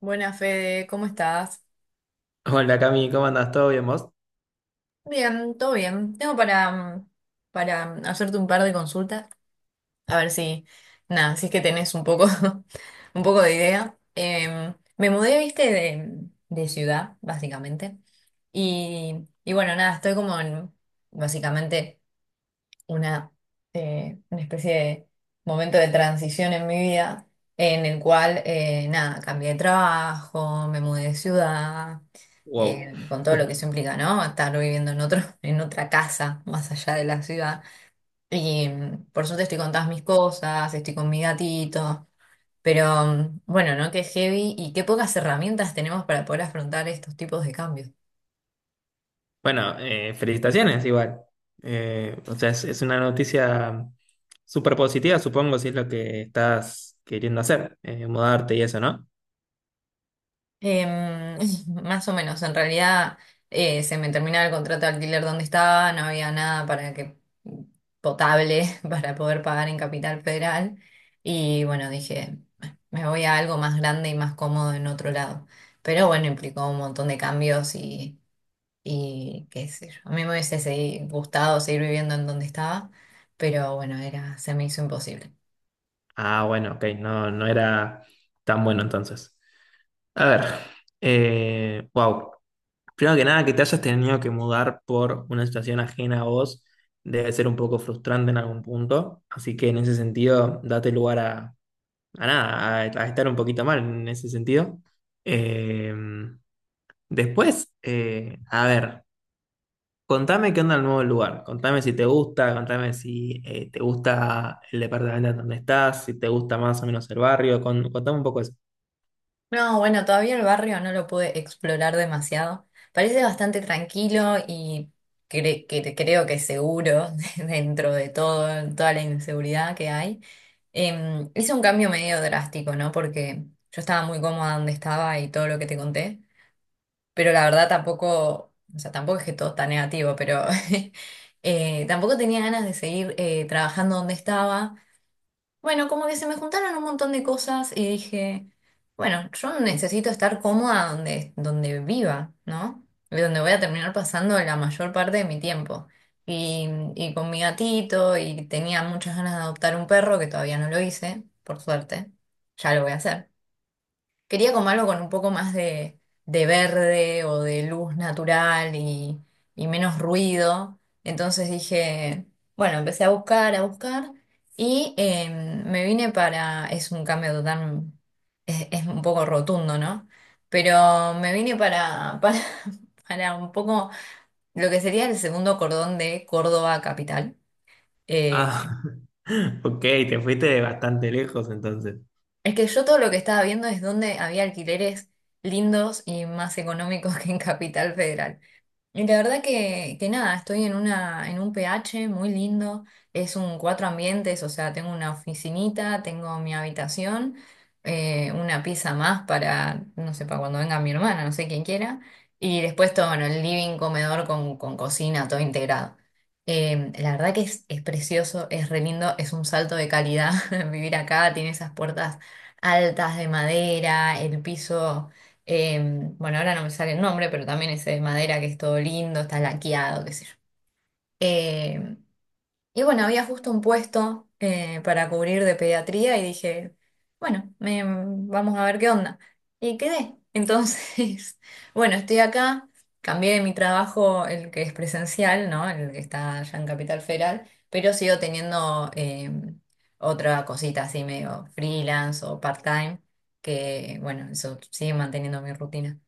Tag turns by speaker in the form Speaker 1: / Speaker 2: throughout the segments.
Speaker 1: Buenas, Fede, ¿cómo estás?
Speaker 2: Hola Cami, ¿cómo andas? ¿Todo bien vos?
Speaker 1: Bien, todo bien. Tengo para hacerte un par de consultas, a ver si, nada, si es que tenés un poco, un poco de idea. Me mudé, viste, de ciudad, básicamente. Y bueno, nada, estoy como en, básicamente una, una especie de momento de transición en mi vida en el cual, nada, cambié de trabajo, me mudé de ciudad, eh,
Speaker 2: Wow.
Speaker 1: con todo lo que eso implica, ¿no? Estar viviendo en otro, en otra casa más allá de la ciudad. Y por suerte estoy con todas mis cosas, estoy con mi gatito, pero bueno, ¿no? Qué heavy y qué pocas herramientas tenemos para poder afrontar estos tipos de cambios.
Speaker 2: Bueno, felicitaciones igual. Es una noticia súper positiva, supongo, si es lo que estás queriendo hacer, mudarte y eso, ¿no?
Speaker 1: Em, más o menos, en realidad se me terminaba el contrato de alquiler donde estaba, no había nada para que potable para poder pagar en Capital Federal y bueno, dije, me voy a algo más grande y más cómodo en otro lado. Pero bueno, implicó un montón de cambios y qué sé yo. A mí me hubiese gustado seguir viviendo en donde estaba, pero bueno, era, se me hizo imposible.
Speaker 2: Ah, bueno, ok, no era tan bueno entonces. A ver, wow. Primero que nada, que te hayas tenido que mudar por una situación ajena a vos debe ser un poco frustrante en algún punto, así que en ese sentido, date lugar a nada, a estar un poquito mal en ese sentido. Eh, después, a ver, contame qué onda el nuevo lugar, contame si te gusta, contame si te gusta el departamento en donde estás, si te gusta más o menos el barrio, contame un poco eso.
Speaker 1: No, bueno, todavía el barrio no lo pude explorar demasiado. Parece bastante tranquilo y creo que seguro dentro de todo, toda la inseguridad que hay. Hice un cambio medio drástico, ¿no? Porque yo estaba muy cómoda donde estaba y todo lo que te conté, pero la verdad tampoco, o sea, tampoco es que todo está negativo, pero tampoco tenía ganas de seguir trabajando donde estaba. Bueno, como que se me juntaron un montón de cosas y dije, bueno, yo necesito estar cómoda donde viva, ¿no? Y donde voy a terminar pasando la mayor parte de mi tiempo. Y, y con mi gatito, y tenía muchas ganas de adoptar un perro, que todavía no lo hice, por suerte. Ya lo voy a hacer. Quería como algo con un poco más de verde o de luz natural y menos ruido. Entonces dije, bueno, empecé a buscar y me vine para, es un cambio tan, es un poco rotundo, ¿no? Pero me vine para, para un poco lo que sería el segundo cordón de Córdoba capital. Eh,
Speaker 2: Ah, ok, te fuiste bastante lejos entonces.
Speaker 1: es que yo todo lo que estaba viendo es donde había alquileres lindos y más económicos que en Capital Federal. Y la verdad que nada, estoy en una, en un PH muy lindo, es un cuatro ambientes, o sea, tengo una oficinita, tengo mi habitación, una pieza más para, no sé, para cuando venga mi hermana, no sé quién quiera, y después todo, bueno, el living, comedor con cocina, todo integrado. La verdad que es precioso, es re lindo, es un salto de calidad vivir acá, tiene esas puertas altas de madera, el piso. Bueno, ahora no me sale el nombre, pero también ese de madera que es todo lindo, está laqueado, qué sé yo. Em, y bueno, había justo un puesto para cubrir de pediatría y dije, bueno, vamos a ver qué onda. Y quedé. Entonces, bueno, estoy acá, cambié de mi trabajo, el que es presencial, ¿no? El que está allá en Capital Federal, pero sigo teniendo otra cosita así medio freelance o part-time, que bueno, eso sigue manteniendo mi rutina.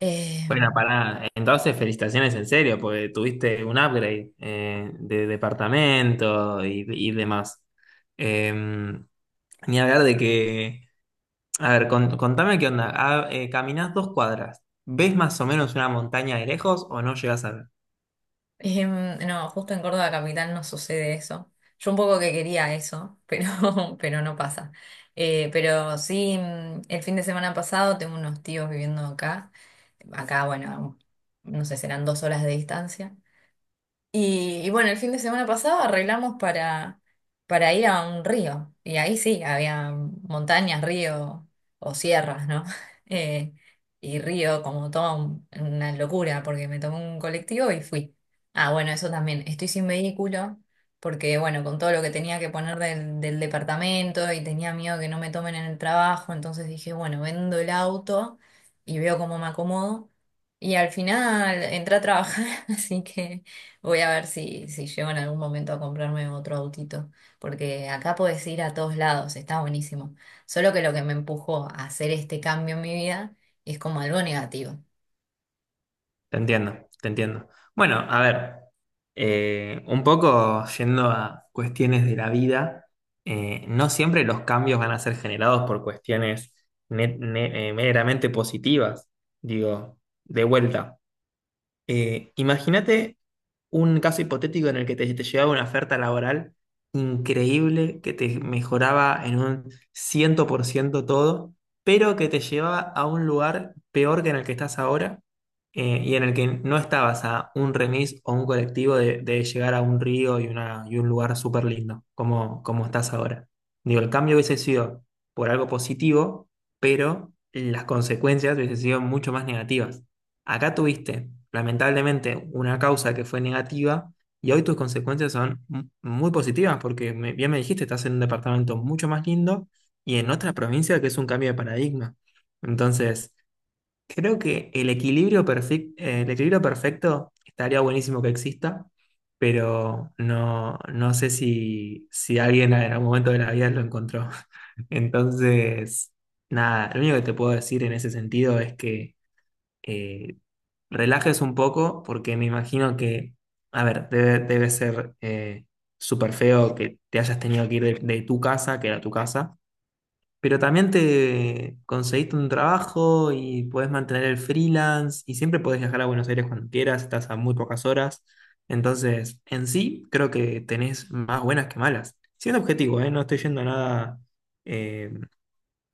Speaker 1: Eh,
Speaker 2: Bueno, para entonces felicitaciones en serio, porque tuviste un upgrade de departamento y demás. Eh, ni hablar de que a ver, contame qué onda. Ah, caminás dos cuadras. ¿Ves más o menos una montaña de lejos o no llegas a ver?
Speaker 1: no, justo en Córdoba capital no sucede eso. Yo un poco que quería eso, pero, pero no pasa. Pero sí, el fin de semana pasado tengo unos tíos viviendo acá. Acá, bueno, no sé, serán 2 horas de distancia. Y bueno, el fin de semana pasado arreglamos para, ir a un río. Y ahí sí, había montañas, río o sierras, ¿no? Eh, y río como toda una locura, porque me tomé un colectivo y fui. Ah, bueno, eso también. Estoy sin vehículo, porque bueno, con todo lo que tenía que poner del departamento y tenía miedo que no me tomen en el trabajo, entonces dije, bueno, vendo el auto y veo cómo me acomodo. Y al final entré a trabajar, así que... Voy a ver si llego en algún momento a comprarme otro autito, porque acá podés ir a todos lados, está buenísimo. Solo que lo que me empujó a hacer este cambio en mi vida es como algo negativo.
Speaker 2: Te entiendo, te entiendo. Bueno, a ver, un poco yendo a cuestiones de la vida, no siempre los cambios van a ser generados por cuestiones meramente positivas. Digo, de vuelta. Imagínate un caso hipotético en el que te llegaba una oferta laboral increíble que te mejoraba en un ciento por ciento todo, pero que te llevaba a un lugar peor que en el que estás ahora y en el que no estabas a un remis o un colectivo de llegar a un río y, una, y un lugar súper lindo, como, como estás ahora. Digo, el cambio hubiese sido por algo positivo, pero las consecuencias hubiesen sido mucho más negativas. Acá tuviste, lamentablemente, una causa que fue negativa y hoy tus consecuencias son muy positivas porque bien me dijiste, estás en un departamento mucho más lindo y en otra provincia que es un cambio de paradigma. Entonces, creo que el equilibrio perfecto estaría buenísimo que exista, pero no, no sé si, si alguien en algún momento de la vida lo encontró. Entonces, nada, lo único que te puedo decir en ese sentido es que eh, relajes un poco, porque me imagino que, a ver, debe, debe ser súper feo que te hayas tenido que ir de tu casa, que era tu casa, pero también te conseguiste un trabajo y puedes mantener el freelance y siempre puedes viajar a Buenos Aires cuando quieras, estás a muy pocas horas. Entonces, en sí, creo que tenés más buenas que malas. Siendo objetivo, ¿eh? No estoy yendo a nada eh,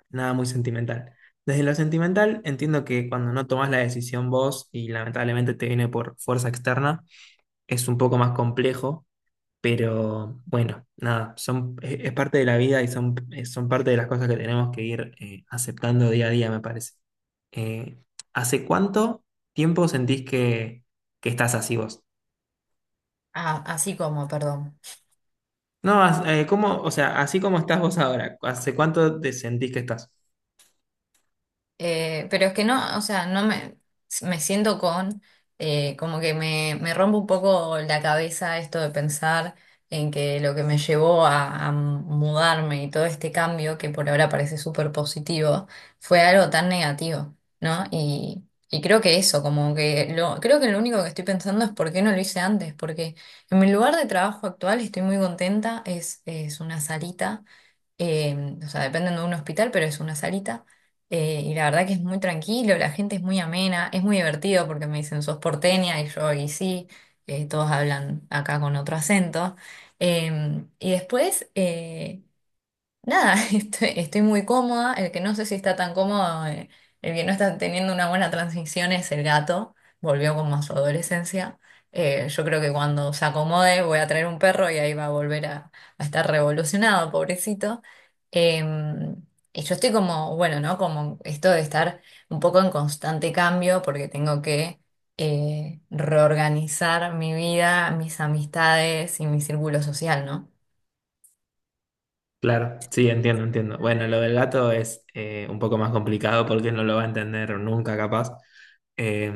Speaker 2: nada muy sentimental. Desde lo sentimental, entiendo que cuando no tomas la decisión vos y lamentablemente te viene por fuerza externa, es un poco más complejo, pero bueno, nada, son, es parte de la vida y son, son parte de las cosas que tenemos que ir aceptando día a día, me parece. Eh, ¿Hace cuánto tiempo sentís que estás así vos?
Speaker 1: Ah, así como, perdón.
Speaker 2: No, ¿cómo, o sea, así como estás vos ahora, ¿hace cuánto te sentís que estás?
Speaker 1: Pero es que no, o sea, no me siento con, como que me rompe un poco la cabeza esto de pensar en que lo que me llevó a mudarme y todo este cambio, que por ahora parece súper positivo, fue algo tan negativo, ¿no? Y creo que eso, como que lo, creo que lo único que estoy pensando es por qué no lo hice antes, porque en mi lugar de trabajo actual estoy muy contenta, es una salita o sea, dependen de un hospital, pero es una salita. Y la verdad que es muy tranquilo, la gente es muy amena, es muy divertido porque me dicen, sos porteña y yo, y sí, todos hablan acá con otro acento. Y después, nada, estoy muy cómoda. El que no sé si está tan cómodo, el que no está teniendo una buena transición es el gato. Volvió como a su adolescencia. Yo creo que cuando se acomode voy a traer un perro y ahí va a volver a estar revolucionado, pobrecito. Eh, y yo estoy como, bueno, ¿no? Como esto de estar un poco en constante cambio porque tengo que reorganizar mi vida, mis amistades y mi círculo social, ¿no?
Speaker 2: Claro, sí, entiendo, entiendo. Bueno, lo del gato es un poco más complicado porque no lo va a entender nunca, capaz. Eh,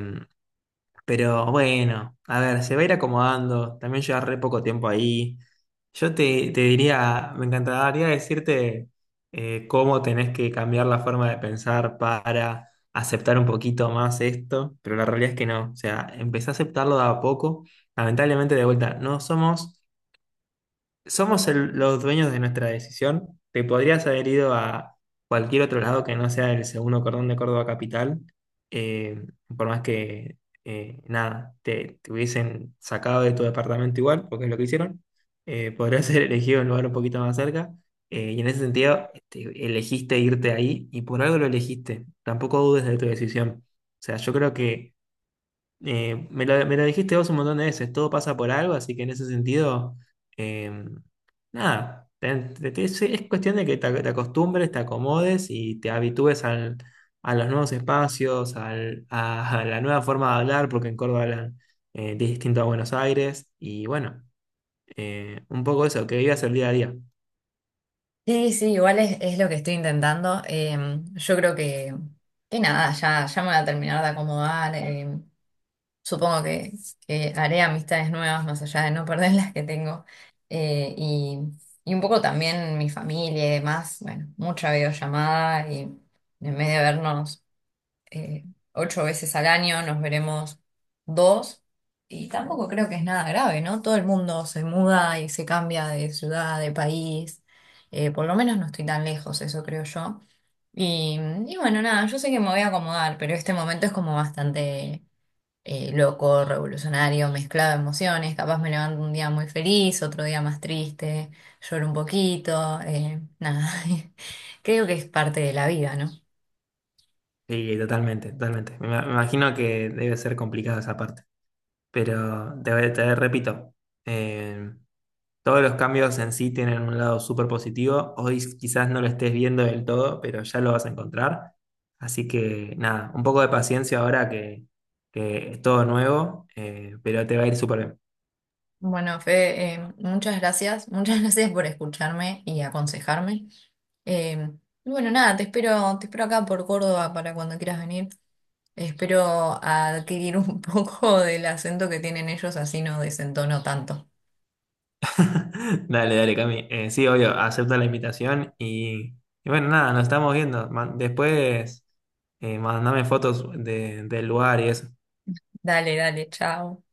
Speaker 2: pero bueno, a ver, se va a ir acomodando. También lleva re poco tiempo ahí. Yo te, te diría, me encantaría decirte cómo tenés que cambiar la forma de pensar para aceptar un poquito más esto, pero la realidad es que no. O sea, empecé a aceptarlo de a poco. Lamentablemente, de vuelta, no somos somos los dueños de nuestra decisión. Te podrías haber ido a cualquier otro lado que no sea el segundo cordón de Córdoba Capital, eh, por más que, nada, te hubiesen sacado de tu departamento igual, porque es lo que hicieron. Podrías haber elegido un lugar un poquito más cerca. Y en ese sentido, este, elegiste irte ahí y por algo lo elegiste. Tampoco dudes de tu decisión. O sea, yo creo que me la dijiste vos un montón de veces, todo pasa por algo, así que en ese sentido, eh, nada, es cuestión de que te, te acostumbres, te acomodes y te habitúes a los nuevos espacios, a la nueva forma de hablar, porque en Córdoba hablan distinto a Buenos Aires, y bueno, un poco eso, que vivas el día a día.
Speaker 1: Sí, sí, igual es lo que estoy intentando. Yo creo que nada, ya me voy a terminar de acomodar. Supongo que haré amistades nuevas más allá de no perder las que tengo. Eh, y, y un poco también mi familia y demás. Bueno, mucha videollamada y en vez de vernos eh, ocho veces al año, nos veremos dos. Y tampoco creo que es nada grave, ¿no? Todo el mundo se muda y se cambia de ciudad, de país. Por lo menos no estoy tan lejos, eso creo yo. Y, y bueno, nada, yo sé que me voy a acomodar, pero este momento es como bastante loco, revolucionario, mezclado de emociones. Capaz me levanto un día muy feliz, otro día más triste, lloro un poquito, nada. Creo que es parte de la vida, ¿no?
Speaker 2: Sí, totalmente, totalmente. Me, me imagino que debe ser complicado esa parte, pero te repito. em, Todos los cambios en sí tienen un lado súper positivo. Hoy quizás no lo estés viendo del todo, pero ya lo vas a encontrar. Así que nada, un poco de paciencia ahora que es todo nuevo, pero te va a ir súper bien.
Speaker 1: Bueno, Fede, muchas gracias. Muchas gracias por escucharme y aconsejarme. Eh, y bueno, nada, te espero acá por Córdoba para cuando quieras venir. Espero adquirir un poco del acento que tienen ellos, así no desentono tanto.
Speaker 2: Dale, dale, Cami. Sí, obvio, acepta la invitación y bueno, nada, nos estamos viendo. Después, mandame fotos del lugar y eso.
Speaker 1: Dale, dale, chao.